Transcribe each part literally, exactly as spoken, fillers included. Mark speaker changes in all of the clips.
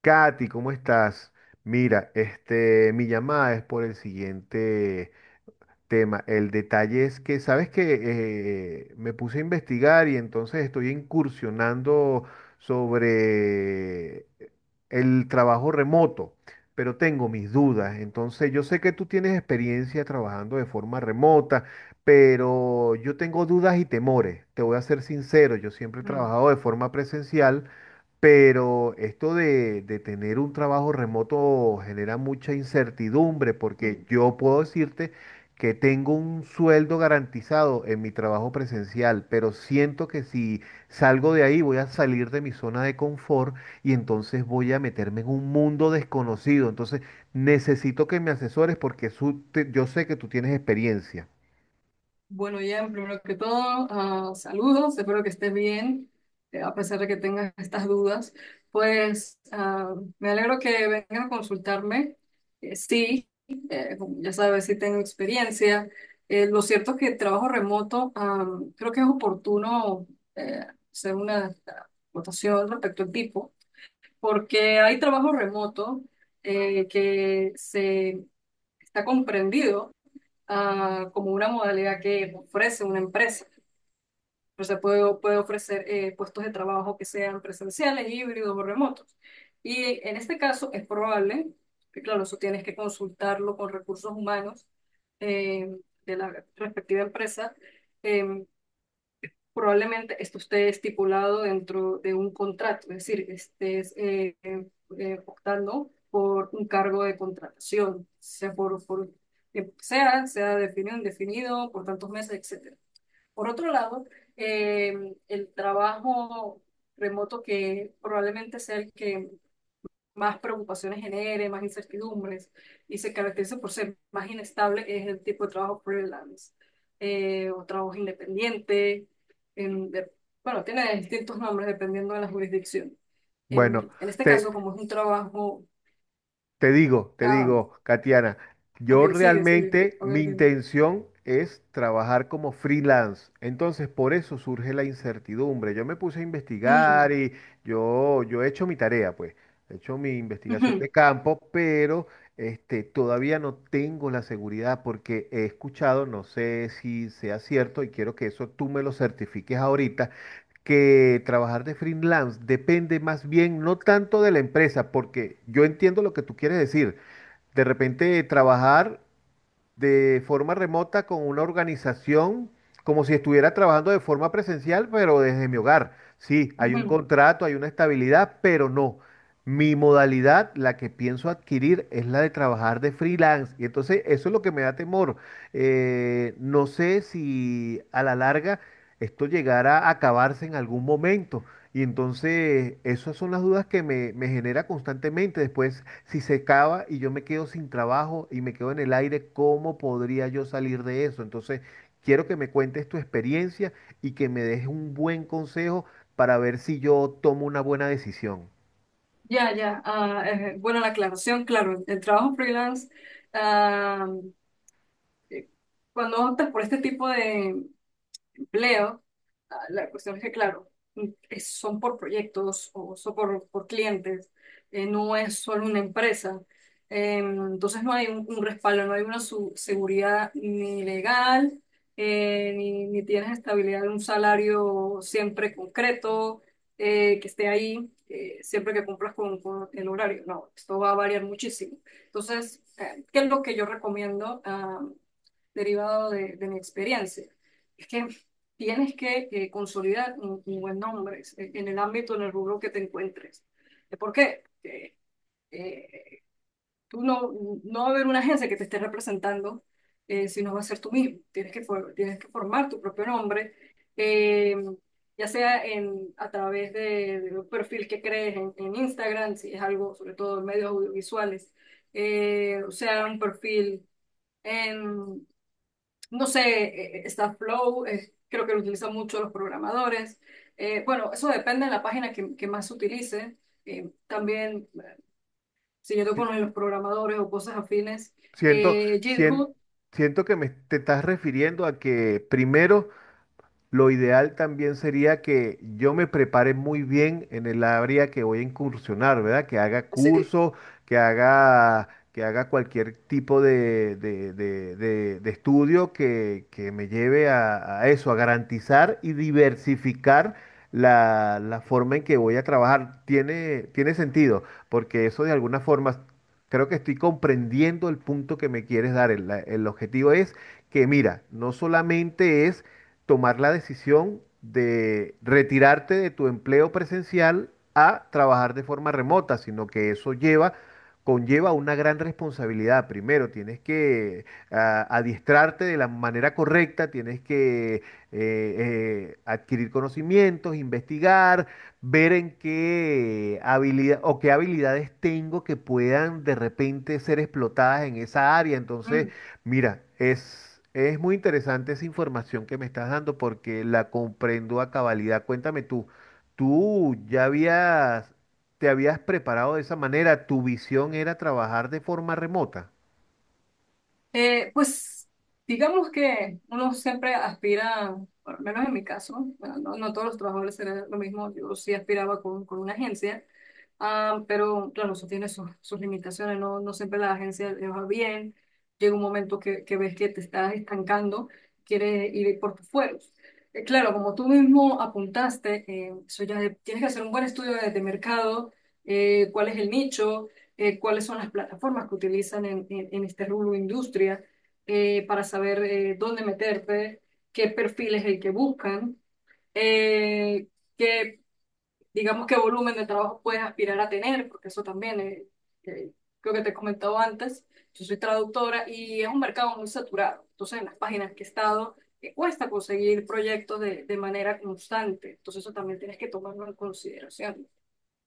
Speaker 1: Katy, ¿cómo estás? Mira, este, mi llamada es por el siguiente tema. El detalle es que, sabes que me puse a investigar y entonces estoy incursionando sobre el trabajo remoto, pero tengo mis dudas. Entonces, yo sé que tú tienes experiencia trabajando de forma remota, pero yo tengo dudas y temores. Te voy a ser sincero, yo siempre he
Speaker 2: Mm,
Speaker 1: trabajado de forma presencial. Pero esto de, de tener un trabajo remoto genera mucha incertidumbre
Speaker 2: mm.
Speaker 1: porque yo puedo decirte que tengo un sueldo garantizado en mi trabajo presencial, pero siento que si salgo de ahí voy a salir de mi zona de confort y entonces voy a meterme en un mundo desconocido. Entonces necesito que me asesores porque su- te- yo sé que tú tienes experiencia.
Speaker 2: Bueno, Ian, primero que todo, ah, saludos, espero que estés bien, eh, a pesar de que tengas estas dudas. Pues ah, me alegro que vengan a consultarme. Eh, sí, eh, como ya sabes, sí tengo experiencia. Eh, lo cierto es que el trabajo remoto, ah, creo que es oportuno eh, hacer una votación respecto al tipo, porque hay trabajo remoto eh, que se está comprendido ah, como una modalidad que ofrece una empresa. O sea, puede, puede ofrecer eh, puestos de trabajo que sean presenciales, híbridos o remotos. Y en este caso es probable, que claro, eso tienes que consultarlo con recursos humanos, eh, de la respectiva empresa, eh, probablemente esto esté estipulado dentro de un contrato, es decir, estés eh, eh, eh, optando por un cargo de contratación, sea por, por que sea, sea definido, indefinido, por tantos meses, etcétera. Por otro lado, eh, el trabajo remoto que probablemente sea el que más preocupaciones genere, más incertidumbres y se caracteriza por ser más inestable, es el tipo de trabajo freelance, eh, o trabajo independiente. en- de- bueno, tiene distintos nombres dependiendo de la jurisdicción.
Speaker 1: Bueno,
Speaker 2: En, en este
Speaker 1: te
Speaker 2: caso, como es un trabajo...
Speaker 1: te digo, te
Speaker 2: Ah,
Speaker 1: digo, Katiana,
Speaker 2: ok,
Speaker 1: yo
Speaker 2: sigue, sigue.
Speaker 1: realmente
Speaker 2: A
Speaker 1: mi
Speaker 2: ver, dime.
Speaker 1: intención es trabajar como freelance. Entonces, por eso surge la incertidumbre. Yo me puse a investigar
Speaker 2: Mm,
Speaker 1: y yo, yo he hecho mi tarea, pues. He hecho mi investigación
Speaker 2: ujú,
Speaker 1: de campo, pero este, todavía no tengo la seguridad porque he escuchado, no sé si sea cierto y quiero que eso tú me lo certifiques ahorita que trabajar de freelance depende más bien no tanto de la empresa, porque yo entiendo lo que tú quieres decir. De repente trabajar de forma remota con una organización, como si estuviera trabajando de forma presencial, pero desde mi hogar. Sí, hay un
Speaker 2: ujú.
Speaker 1: contrato, hay una estabilidad, pero no. Mi modalidad, la que pienso adquirir, es la de trabajar de freelance. Y entonces eso es lo que me da temor. Eh, no sé si a la larga esto llegará a acabarse en algún momento. Y entonces esas son las dudas que me, me genera constantemente. Después si se acaba y yo me quedo sin trabajo y me quedo en el aire, ¿cómo podría yo salir de eso? Entonces, quiero que me cuentes tu experiencia y que me des un buen consejo para ver si yo tomo una buena decisión.
Speaker 2: Ya, ya. Ah, eh, bueno, la aclaración, claro, el trabajo freelance, ah, eh, cuando optas por este tipo de empleo, Ah, la cuestión es que, claro, es- son por proyectos o son por, por clientes, eh, no es solo una empresa. Eh, entonces no hay un, un respaldo, no hay una su- seguridad ni legal, eh, ni, ni tienes estabilidad de un salario siempre concreto, eh, que esté ahí, eh, siempre que cumplas con, con el horario. No, esto va a variar muchísimo. Entonces, eh, ¿qué es lo que yo recomiendo? Derivado de, de mi experiencia. Es que tienes que eh, consolidar un, un buen nombre en en el ámbito, en el rubro que te encuentres. Eh, ¿Por qué? Porque, eh, tú no, no va a haber una agencia que te esté representando, eh, si no va a ser tú mismo. Tienes que, for- tienes que formar tu propio nombre, eh, ya sea en, a través de, de un perfil que crees en, en Instagram, si es algo, sobre todo en medios audiovisuales, eh, o sea, un perfil en, no sé, eh, está Flow, eh, creo que lo utilizan mucho los programadores. Eh, bueno, eso depende de la página que, que más se utilice. Eh, también, si yo toco
Speaker 1: Sí,
Speaker 2: con los programadores o cosas afines,
Speaker 1: Siento,
Speaker 2: eh,
Speaker 1: sien-
Speaker 2: GitHub,
Speaker 1: siento que me te estás refiriendo a que primero lo ideal también sería que yo me prepare muy bien en el área que voy a incursionar, ¿verdad? Que haga
Speaker 2: sí.
Speaker 1: curso, que haga, que haga cualquier tipo de, de- de- de- de estudio que, que me lleve a, a eso, a garantizar y diversificar la, la forma en que voy a trabajar. Tiene, tiene sentido, porque eso de alguna forma, creo que estoy comprendiendo el punto que me quieres dar. El la- el objetivo es que, mira, no solamente es tomar la decisión de retirarte de tu empleo presencial a trabajar de forma remota, sino que eso lleva, conlleva una gran responsabilidad. Primero, tienes que ah, adiestrarte de la manera correcta, tienes que eh, eh, adquirir conocimientos, investigar, ver en qué habilidad o qué habilidades tengo que puedan de repente ser explotadas en esa área. Entonces, mira, es, es muy interesante esa información que me estás dando porque la comprendo a cabalidad. Cuéntame tú, ¿tú ya habías, te habías preparado de esa manera? ¿Tu visión era trabajar de forma remota?
Speaker 2: Eh, pues digamos que uno siempre aspira, por lo menos en mi caso, bueno, no, no todos los trabajadores serán lo mismo, yo sí aspiraba con, con una agencia, ah, pero claro, eso tiene sus, sus limitaciones, no, no siempre la agencia le va bien, llega un momento que, que ves que te estás estancando, quieres ir por tus fueros. Eh, claro, como tú mismo apuntaste, eh, eso ya de- tienes que hacer un buen estudio de, de mercado, eh, cuál es el nicho, eh, cuáles son las plataformas que utilizan en, en- en este rubro industria, eh, para saber eh, dónde meterte, qué perfil es el que buscan, eh, qué, digamos, qué volumen de trabajo puedes aspirar a tener, porque eso también eh, eh, creo que te he comentado antes, yo soy traductora y es un mercado muy saturado, entonces en las páginas que he estado eh, cuesta conseguir proyectos de, de manera constante, entonces eso también tienes que tomarlo en consideración.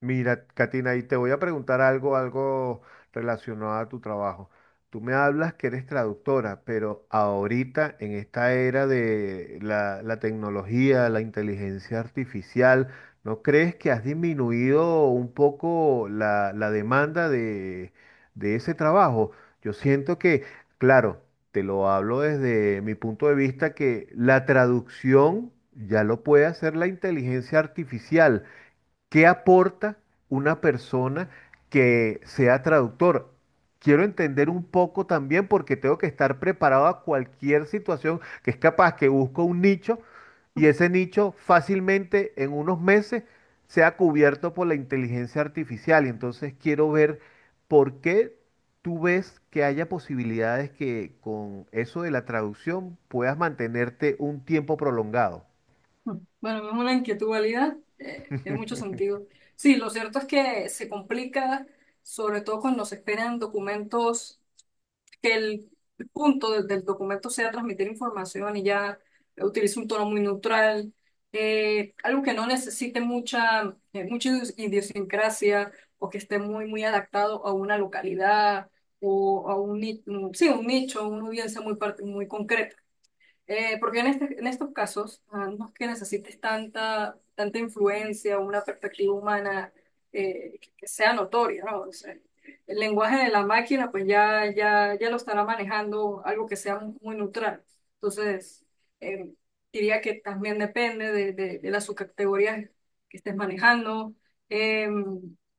Speaker 1: Mira, Katina, y te voy a preguntar algo, algo relacionado a tu trabajo. Tú me hablas que eres traductora, pero ahorita en esta era de la, la tecnología, la inteligencia artificial, ¿no crees que has disminuido un poco la, la demanda de, de ese trabajo? Yo siento que, claro, te lo hablo desde mi punto de vista, que la traducción ya lo puede hacer la inteligencia artificial. ¿Qué aporta una persona que sea traductor? Quiero entender un poco también porque tengo que estar preparado a cualquier situación que es capaz que busco un nicho y ese nicho fácilmente en unos meses sea cubierto por la inteligencia artificial. Y entonces quiero ver por qué tú ves que haya posibilidades que con eso de la traducción puedas mantenerte un tiempo prolongado.
Speaker 2: Bueno, es una inquietud válida, eh, tiene mucho sentido. Sí, lo cierto es que se complica, sobre todo cuando se esperan documentos, que el punto de- del documento sea transmitir información y ya utilice un tono muy neutral, eh, algo que no necesite mucha, eh, mucha idios- idiosincrasia o que esté muy, muy adaptado a una localidad o a un, ni- un- sí, un nicho, una audiencia muy, par- muy concreta. Eh, porque en, este- en estos casos ah, no es que necesites tanta, tanta influencia o una perspectiva humana eh, que, que sea notoria, ¿no? O sea, el lenguaje de la máquina pues ya, ya, ya lo estará manejando algo que sea muy, muy neutral. Entonces, eh, diría que también depende de, de, de las subcategorías que estés manejando, eh,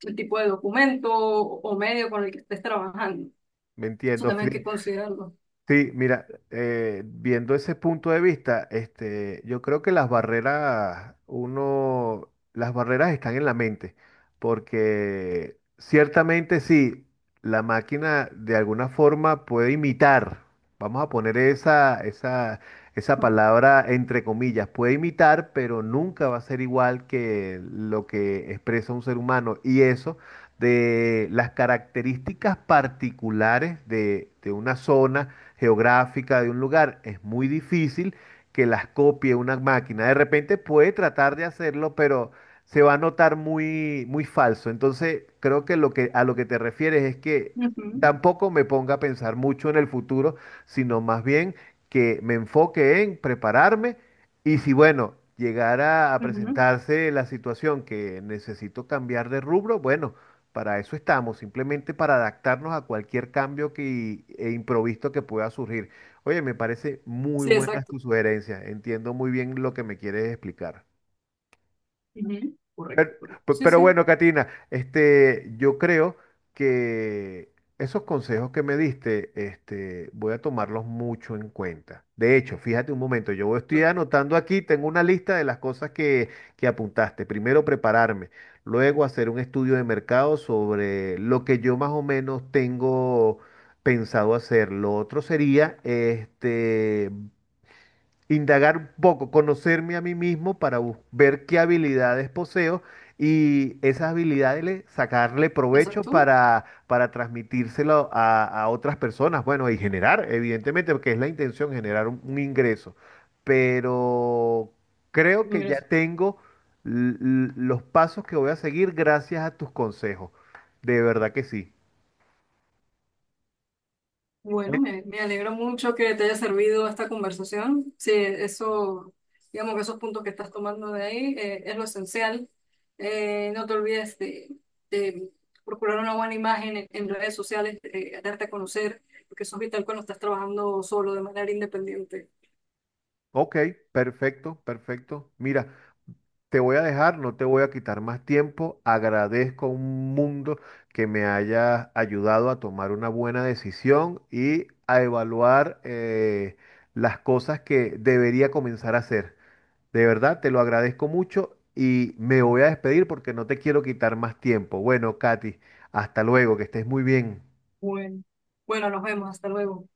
Speaker 2: el tipo de documento o, o medio con el que estés trabajando.
Speaker 1: ¿Me
Speaker 2: Eso
Speaker 1: entiendo,
Speaker 2: también hay
Speaker 1: Fri?
Speaker 2: que considerarlo.
Speaker 1: Sí, mira, eh, viendo ese punto de vista, este, yo creo que las barreras, uno, las barreras están en la mente, porque ciertamente sí, la máquina de alguna forma puede imitar, vamos a poner esa, esa, esa palabra entre comillas, puede imitar, pero nunca va a ser igual que lo que expresa un ser humano, y eso de las características particulares de de una zona geográfica de un lugar, es muy difícil que las copie una máquina. De repente puede tratar de hacerlo, pero se va a notar muy, muy falso. Entonces, creo que, lo que a lo que te refieres es que
Speaker 2: Ujú,
Speaker 1: tampoco me ponga a pensar mucho en el futuro, sino más bien que me enfoque en prepararme y si, bueno, llegara a
Speaker 2: ujú.
Speaker 1: presentarse la situación que necesito cambiar de rubro, bueno, para eso estamos, simplemente para adaptarnos a cualquier cambio que, e improviso que pueda surgir. Oye, me parece muy
Speaker 2: Sí,
Speaker 1: buena
Speaker 2: exacto.
Speaker 1: tu sugerencia. Entiendo muy bien lo que me quieres explicar.
Speaker 2: Ujú.
Speaker 1: Pero,
Speaker 2: Correcto, correcto.
Speaker 1: pe-
Speaker 2: Sí,
Speaker 1: pero
Speaker 2: sí,
Speaker 1: bueno, Katina, este, yo creo que esos consejos que me diste, este, voy a tomarlos mucho en cuenta. De hecho, fíjate un momento, yo estoy
Speaker 2: perfecto.
Speaker 1: anotando aquí, tengo una lista de las cosas que, que apuntaste. Primero, prepararme, luego hacer un estudio de mercado sobre lo que yo más o menos tengo pensado hacer. Lo otro sería, este, indagar un poco, conocerme a mí mismo para bus- ver qué habilidades poseo y esas habilidades le- sacarle provecho
Speaker 2: Exacto.
Speaker 1: para, para transmitírselo a, a otras personas. Bueno, y generar, evidentemente, porque es la intención, generar un, un ingreso. Pero creo que ya
Speaker 2: Ingreso.
Speaker 1: tengo l- l- los pasos que voy a seguir gracias a tus consejos. De verdad que sí.
Speaker 2: Bueno, me, me alegro mucho que te haya servido esta conversación. Sí, eso, digamos que esos puntos que estás tomando de ahí eh, es lo esencial. Eh, no te olvides de, de procurar una buena imagen en, en redes sociales, eh, darte a conocer, porque eso es vital cuando estás trabajando solo de manera independiente.
Speaker 1: Ok, perfecto, perfecto. Mira. Te voy a dejar, no te voy a quitar más tiempo. Agradezco un mundo que me hayas ayudado a tomar una buena decisión y a evaluar eh, las cosas que debería comenzar a hacer. De verdad, te lo agradezco mucho y me voy a despedir porque no te quiero quitar más tiempo. Bueno, Katy, hasta luego, que estés muy bien.
Speaker 2: Bueno, bueno, nos vemos. Hasta luego.